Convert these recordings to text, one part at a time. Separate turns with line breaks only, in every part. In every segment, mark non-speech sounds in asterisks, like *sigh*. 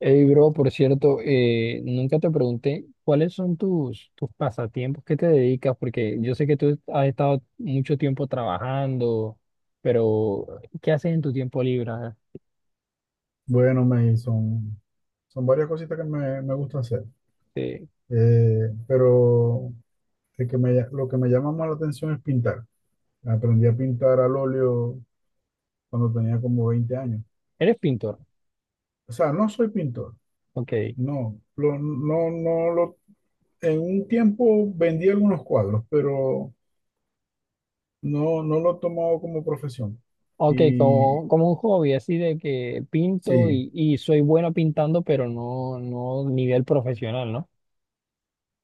Hey, bro, por cierto, nunca te pregunté cuáles son tus pasatiempos, qué te dedicas, porque yo sé que tú has estado mucho tiempo trabajando, pero ¿qué haces en tu tiempo libre?
Bueno, son varias cositas que me gusta hacer.
Este,
Pero lo que me llama más la atención es pintar. Aprendí a pintar al óleo cuando tenía como 20 años.
¿eres pintor?
O sea, no soy pintor.
Ok,
No, no, no lo... En un tiempo vendí algunos cuadros, pero no, no lo he tomado como profesión.
ok,
Y
como un hobby, así de que pinto
sí,
y soy bueno pintando, pero no, no nivel profesional, ¿no?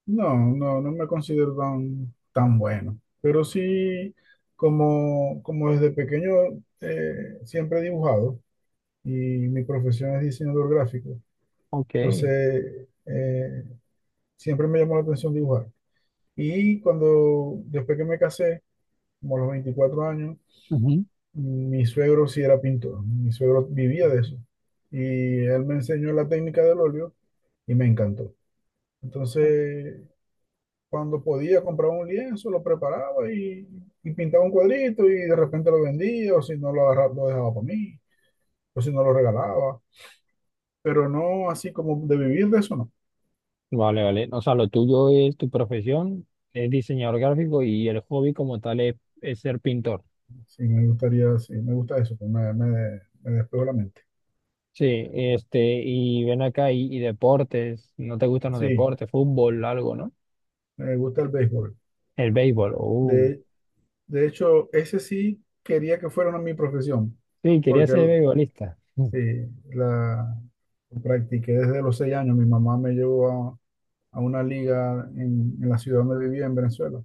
no, no, no me considero tan bueno, pero sí, como desde pequeño siempre he dibujado, y mi profesión es diseñador gráfico.
Ok,
Entonces siempre me llamó la atención dibujar. Después que me casé, como a los 24 años,
ujú.
mi suegro sí era pintor, mi suegro vivía de eso, y él me enseñó la técnica del óleo y me encantó. Entonces, cuando podía comprar un lienzo, lo preparaba, y pintaba un cuadrito, y de repente lo vendía, o si no lo agarraba, lo dejaba para mí, o si no lo regalaba. Pero no así como de vivir de eso, no.
Vale, vale, o sea, lo tuyo es tu profesión, es diseñador gráfico y el hobby como tal es ser pintor.
Sí, me gustaría, sí, me gusta eso, pues me despejo la mente.
Sí, este, y ven acá, y deportes, ¿no te gustan los
Sí,
deportes? Fútbol, algo, ¿no?
me gusta el béisbol.
El béisbol,
De, de hecho, ese sí quería que fuera una mi profesión,
sí, quería
porque
ser beisbolista. Mm.
sí, la practiqué desde los 6 años. Mi mamá me llevó a una liga en la ciudad donde vivía, en Venezuela.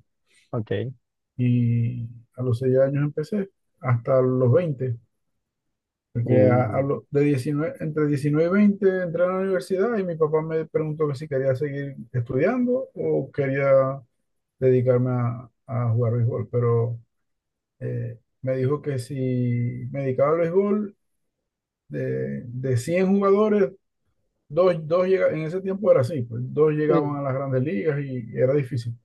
Ok,
Y a los 6 años empecé, hasta los 20, porque
uh,
a lo- de 19 entre 19 y 20 entré a la universidad, y mi papá me preguntó que si quería seguir estudiando o quería dedicarme a jugar béisbol. Pero me dijo que si me dedicaba al béisbol, de 100 jugadores, en ese tiempo era así, pues, dos llegaban a
sí,
las grandes ligas y era difícil.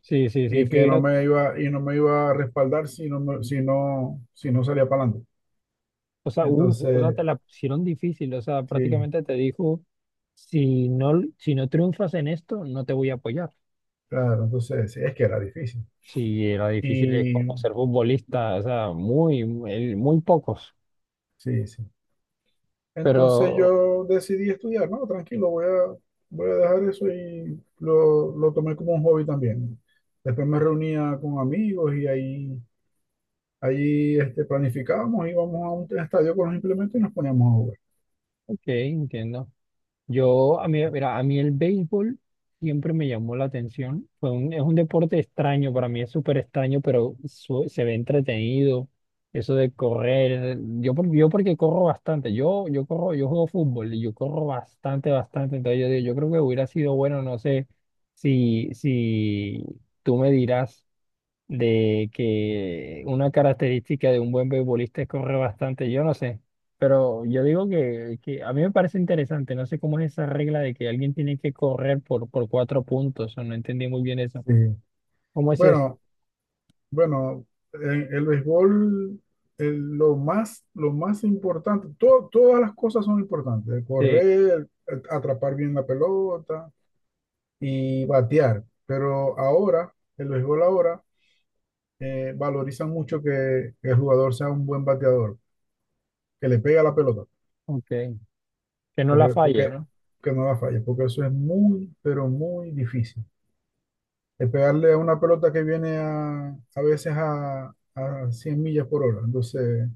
sí, sí, sí,
Y que no
fíjate,
me iba, y no me iba a respaldar si no salía para...
o sea,
Entonces,
te la pusieron difícil, o sea,
sí,
prácticamente te dijo, si no, si no triunfas en esto, no te voy a apoyar.
claro, entonces sí, es que era difícil.
Sí, era difícil, es
Y
como ser futbolista, o sea, muy, muy, muy pocos,
sí, sí. Entonces
pero,
yo decidí estudiar. No, tranquilo, voy a dejar eso, y lo tomé como un hobby también. Después me reunía con amigos, y planificábamos, íbamos a un estadio con los implementos y nos poníamos a jugar.
ok, entiendo. Yo, a mí, mira, a mí el béisbol siempre me llamó la atención. Es un deporte extraño, para mí es súper extraño, pero se ve entretenido. Eso de correr, yo porque corro bastante, yo corro, yo juego fútbol y yo corro bastante, bastante. Entonces yo digo, yo creo que hubiera sido bueno, no sé si tú me dirás de que una característica de un buen beisbolista es correr bastante, yo no sé, pero yo digo que a mí me parece interesante, no sé cómo es esa regla de que alguien tiene que correr por cuatro puntos, o no entendí muy bien eso.
Sí.
¿Cómo es
Bueno, Bueno, en el béisbol, lo más importante, todas las cosas son importantes: el
este?
correr, el atrapar bien la pelota y batear. Pero ahora, el béisbol ahora valoriza mucho que el jugador sea un buen bateador, que le pegue a la pelota,
Ok, que no la
pero
falle,
porque,
¿no?
que no la falle, porque eso es muy, pero muy difícil. El pegarle a una pelota que viene a veces a 100 millas por hora. Entonces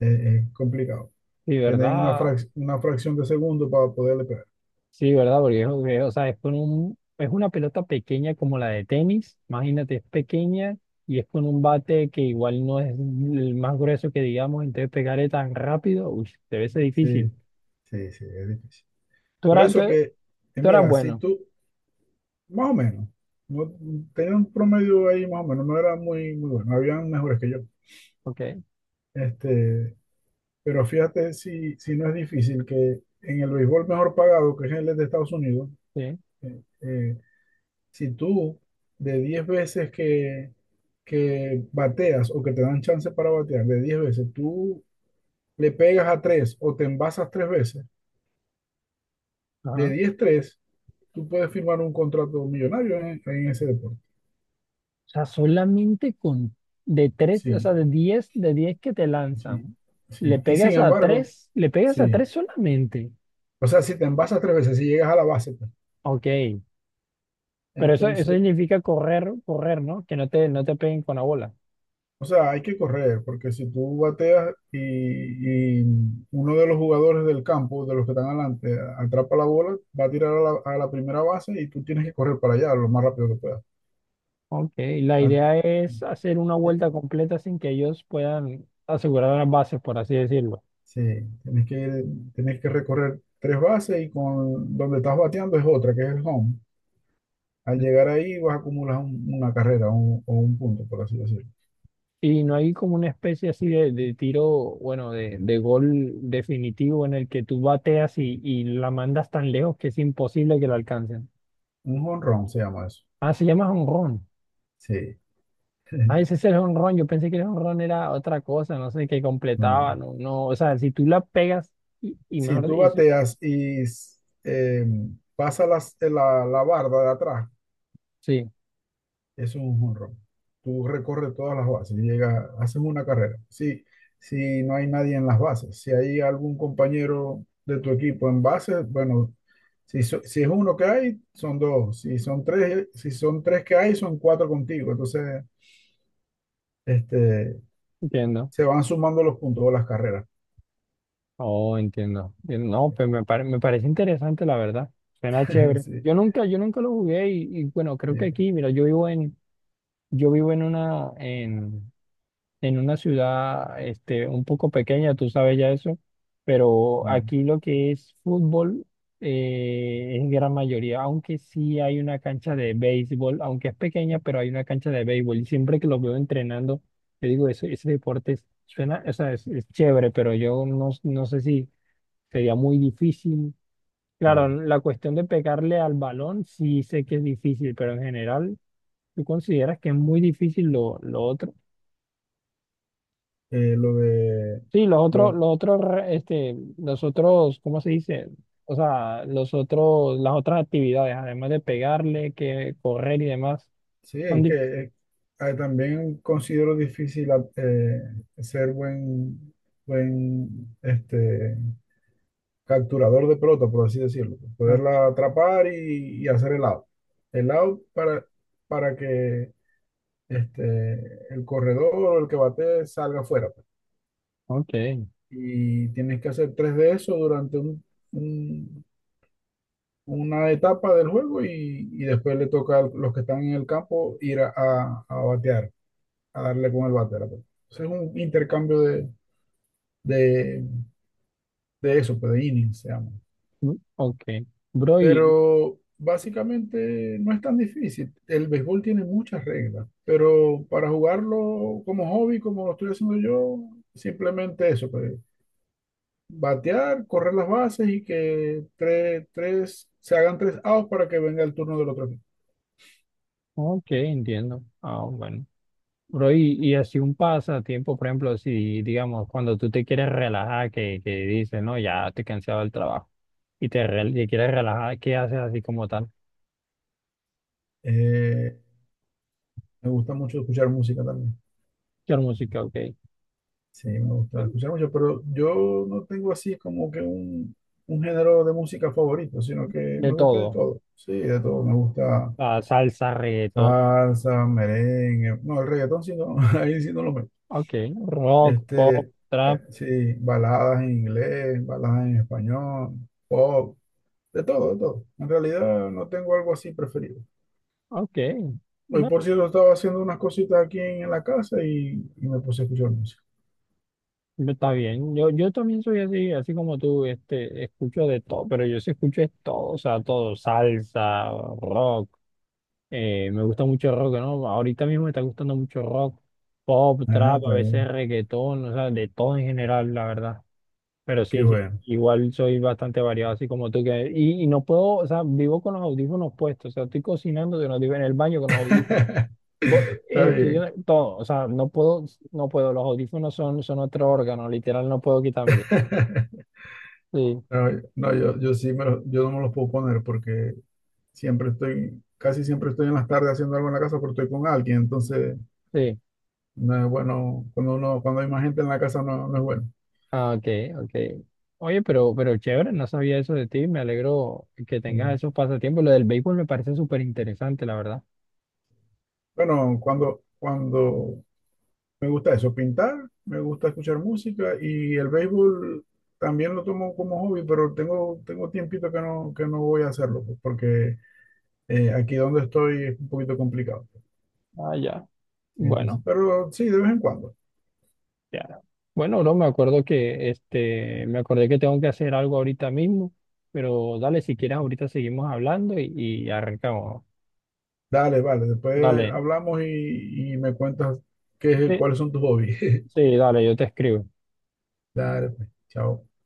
es complicado.
Sí,
Tenéis una,
¿verdad?
frac- una fracción de segundo para poderle pegar.
Sí, ¿verdad? Porque o sea, es con un, es una pelota pequeña como la de tenis, imagínate, es pequeña y es con un bate que igual no es el más grueso que digamos, entonces pegarle tan rápido, uy, debe ser
Sí,
difícil.
sí, sí, es difícil.
Tú
Por
eras, tú,
eso que,
tú eras
mira, si
bueno,
tú, más o menos, no, tenía un promedio ahí más o menos, no era muy, bueno, habían mejores que yo.
ok,
Este, pero fíjate si no es difícil que en el béisbol mejor pagado, que es el de Estados Unidos,
sí,
eh, eh, si tú de 10 veces que bateas o que te dan chance para batear, de 10 veces, tú le pegas a 3 o te envasas 3 veces.
ajá.
De
O
10, tres, tú puedes firmar un contrato millonario en ese deporte.
sea, solamente con de tres, o sea,
Sí,
de 10 que te
sí,
lanzan, le
sí. Y sin
pegas a
embargo,
tres, le pegas a
sí.
tres solamente,
O sea, si te envasas 3 veces, si llegas a la base, pues,
ok, pero eso
entonces,
significa correr, correr, ¿no? Que no te peguen con la bola.
o sea, hay que correr, porque si tú bateas, y uno de los jugadores del campo, de los que están adelante, atrapa la bola, va a tirar a la primera base, y tú tienes que correr para allá lo más rápido que puedas.
Ok, la
Ah,
idea es hacer una vuelta completa sin que ellos puedan asegurar las bases, por así decirlo.
sí, tienes que recorrer tres bases, y con donde estás bateando es otra, que es el home. Al llegar ahí vas a acumular una carrera, o un punto, por así decirlo.
Y no hay como una especie así de tiro, bueno, de gol definitivo en el que tú bateas y la mandas tan lejos que es imposible que la alcancen.
Un home run se llama eso.
Ah, se llama jonrón.
Sí.
Ah,
*laughs*
ese es el jonrón. Yo pensé que el jonrón era otra cosa, no sé, que
Ah.
completaba, no, no. O sea, si tú la pegas y
Si
mejor,
tú bateas y s- eh, pasa la barda de atrás,
sí,
eso es un home run. Tú recorres todas las bases y llegas, haces una carrera. Si, si no hay nadie en las bases, si hay algún compañero de tu equipo en bases, bueno, si es uno que hay, son dos. Si son tres que hay, son cuatro contigo. Entonces, este,
entiendo.
se van sumando los puntos o las carreras.
Oh, entiendo. Bien. No, pues me parece interesante, la verdad. Suena
*laughs*
chévere.
Sí,
Yo nunca lo jugué y bueno, creo que
sí,
aquí, mira, yo vivo en una ciudad, este, un poco pequeña, tú sabes ya eso, pero
mm,
aquí lo que es fútbol es gran mayoría, aunque sí hay una cancha de béisbol, aunque es pequeña, pero hay una cancha de béisbol y siempre que los veo entrenando, yo digo, ese deporte suena, o sea, es chévere, pero yo no, no sé si sería muy difícil. Claro,
claro.
la cuestión de pegarle al balón sí sé que es difícil, pero en general, ¿tú consideras que es muy difícil lo otro?
Eh, lo de,
Sí, los otros,
lo-
este, los otros, ¿cómo se dice? O sea, los otros, las otras actividades, además de pegarle, que correr y demás,
sí,
son
es que
difíciles.
eh, ah, también considero difícil, ah, ser buen capturador de pelota, por así decirlo. Poderla atrapar y hacer el out. El out para que el corredor o el que bate salga afuera, pues.
Ok,
Y tienes que hacer tres de eso durante una etapa del juego, y después le toca a los que están en el campo ir a batear, a darle con el bate a la pelota. Entonces es un intercambio de, de eso, pues de innings se llama.
mm, ok. Bro, y,
Pero básicamente no es tan difícil. El béisbol tiene muchas reglas, pero para jugarlo como hobby, como lo estoy haciendo yo, simplemente eso, pues, batear, correr las bases y que se hagan tres outs para que venga el turno del otro equipo.
ok, entiendo. Ah, bueno. Bro, y así un pasatiempo, por ejemplo, si digamos, cuando tú te quieres relajar, que dices, no, ya te he cansado del trabajo y quieres relajar, ¿qué haces así como tal?
Eh, Me gusta mucho escuchar música también.
Quiero música, ok.
Sí, me gusta escuchar mucho, pero yo no tengo así como que un género de música favorito, sino que
De
me gusta de
todo.
todo. Sí, de todo. Me gusta
Ah, salsa, reggaetón,
salsa, merengue. No, el reggaetón sí no, *laughs* ahí sí no lo meto.
ok. Rock, pop,
Este,
trap,
sí, baladas en inglés, baladas en español, pop, de todo, de todo. En realidad no tengo algo así preferido.
ok.
Hoy,
No,
por cierto, estaba haciendo unas cositas aquí en la casa, y me puse a escuchar música.
no está bien. Yo también soy así, así como tú, este, escucho de todo, pero yo sí escucho es todo, o sea, todo, salsa, rock. Me gusta mucho el rock, ¿no? Ahorita mismo me está gustando mucho rock, pop,
Ah,
trap, a
está
veces
bien.
reggaetón, o sea, de todo en general, la verdad. Pero
Qué
sí, sí,
bueno.
igual soy bastante variado, así como tú que... y no puedo, o sea, vivo con los audífonos puestos, o sea, estoy cocinando, con los digo en el baño con los audífonos, co-
Está bien.
estudiando, todo, o sea, no puedo, no puedo, los audífonos son otro órgano, literal, no puedo quitármelos.
*laughs*
Sí,
No, no, yo no me los puedo poner porque casi siempre estoy en las tardes haciendo algo en la casa porque estoy con alguien. Entonces,
sí.
no es bueno, cuando hay más gente en la casa, no, no es bueno.
Ah, ok, ok. Oye, pero chévere, no sabía eso de ti. Me alegro que tengas
Sí.
esos pasatiempos. Lo del béisbol me parece súper interesante, la verdad.
Bueno, cuando me gusta eso, pintar, me gusta escuchar música, y el béisbol también lo tomo como hobby, pero tengo tiempito que no voy a hacerlo, pues, porque aquí donde estoy es un poquito complicado.
Ah, ya.
Entonces,
Bueno,
pero sí, de vez en cuando.
ya. Bueno, bro, me acuerdo que este, me acordé que tengo que hacer algo ahorita mismo, pero dale, si quieres, ahorita seguimos hablando y arrancamos.
Dale, vale. Después
Dale,
hablamos, y me cuentas
sí,
cuáles son tus hobbies.
sí, dale, yo te escribo.
*laughs* Dale, pues. Chao.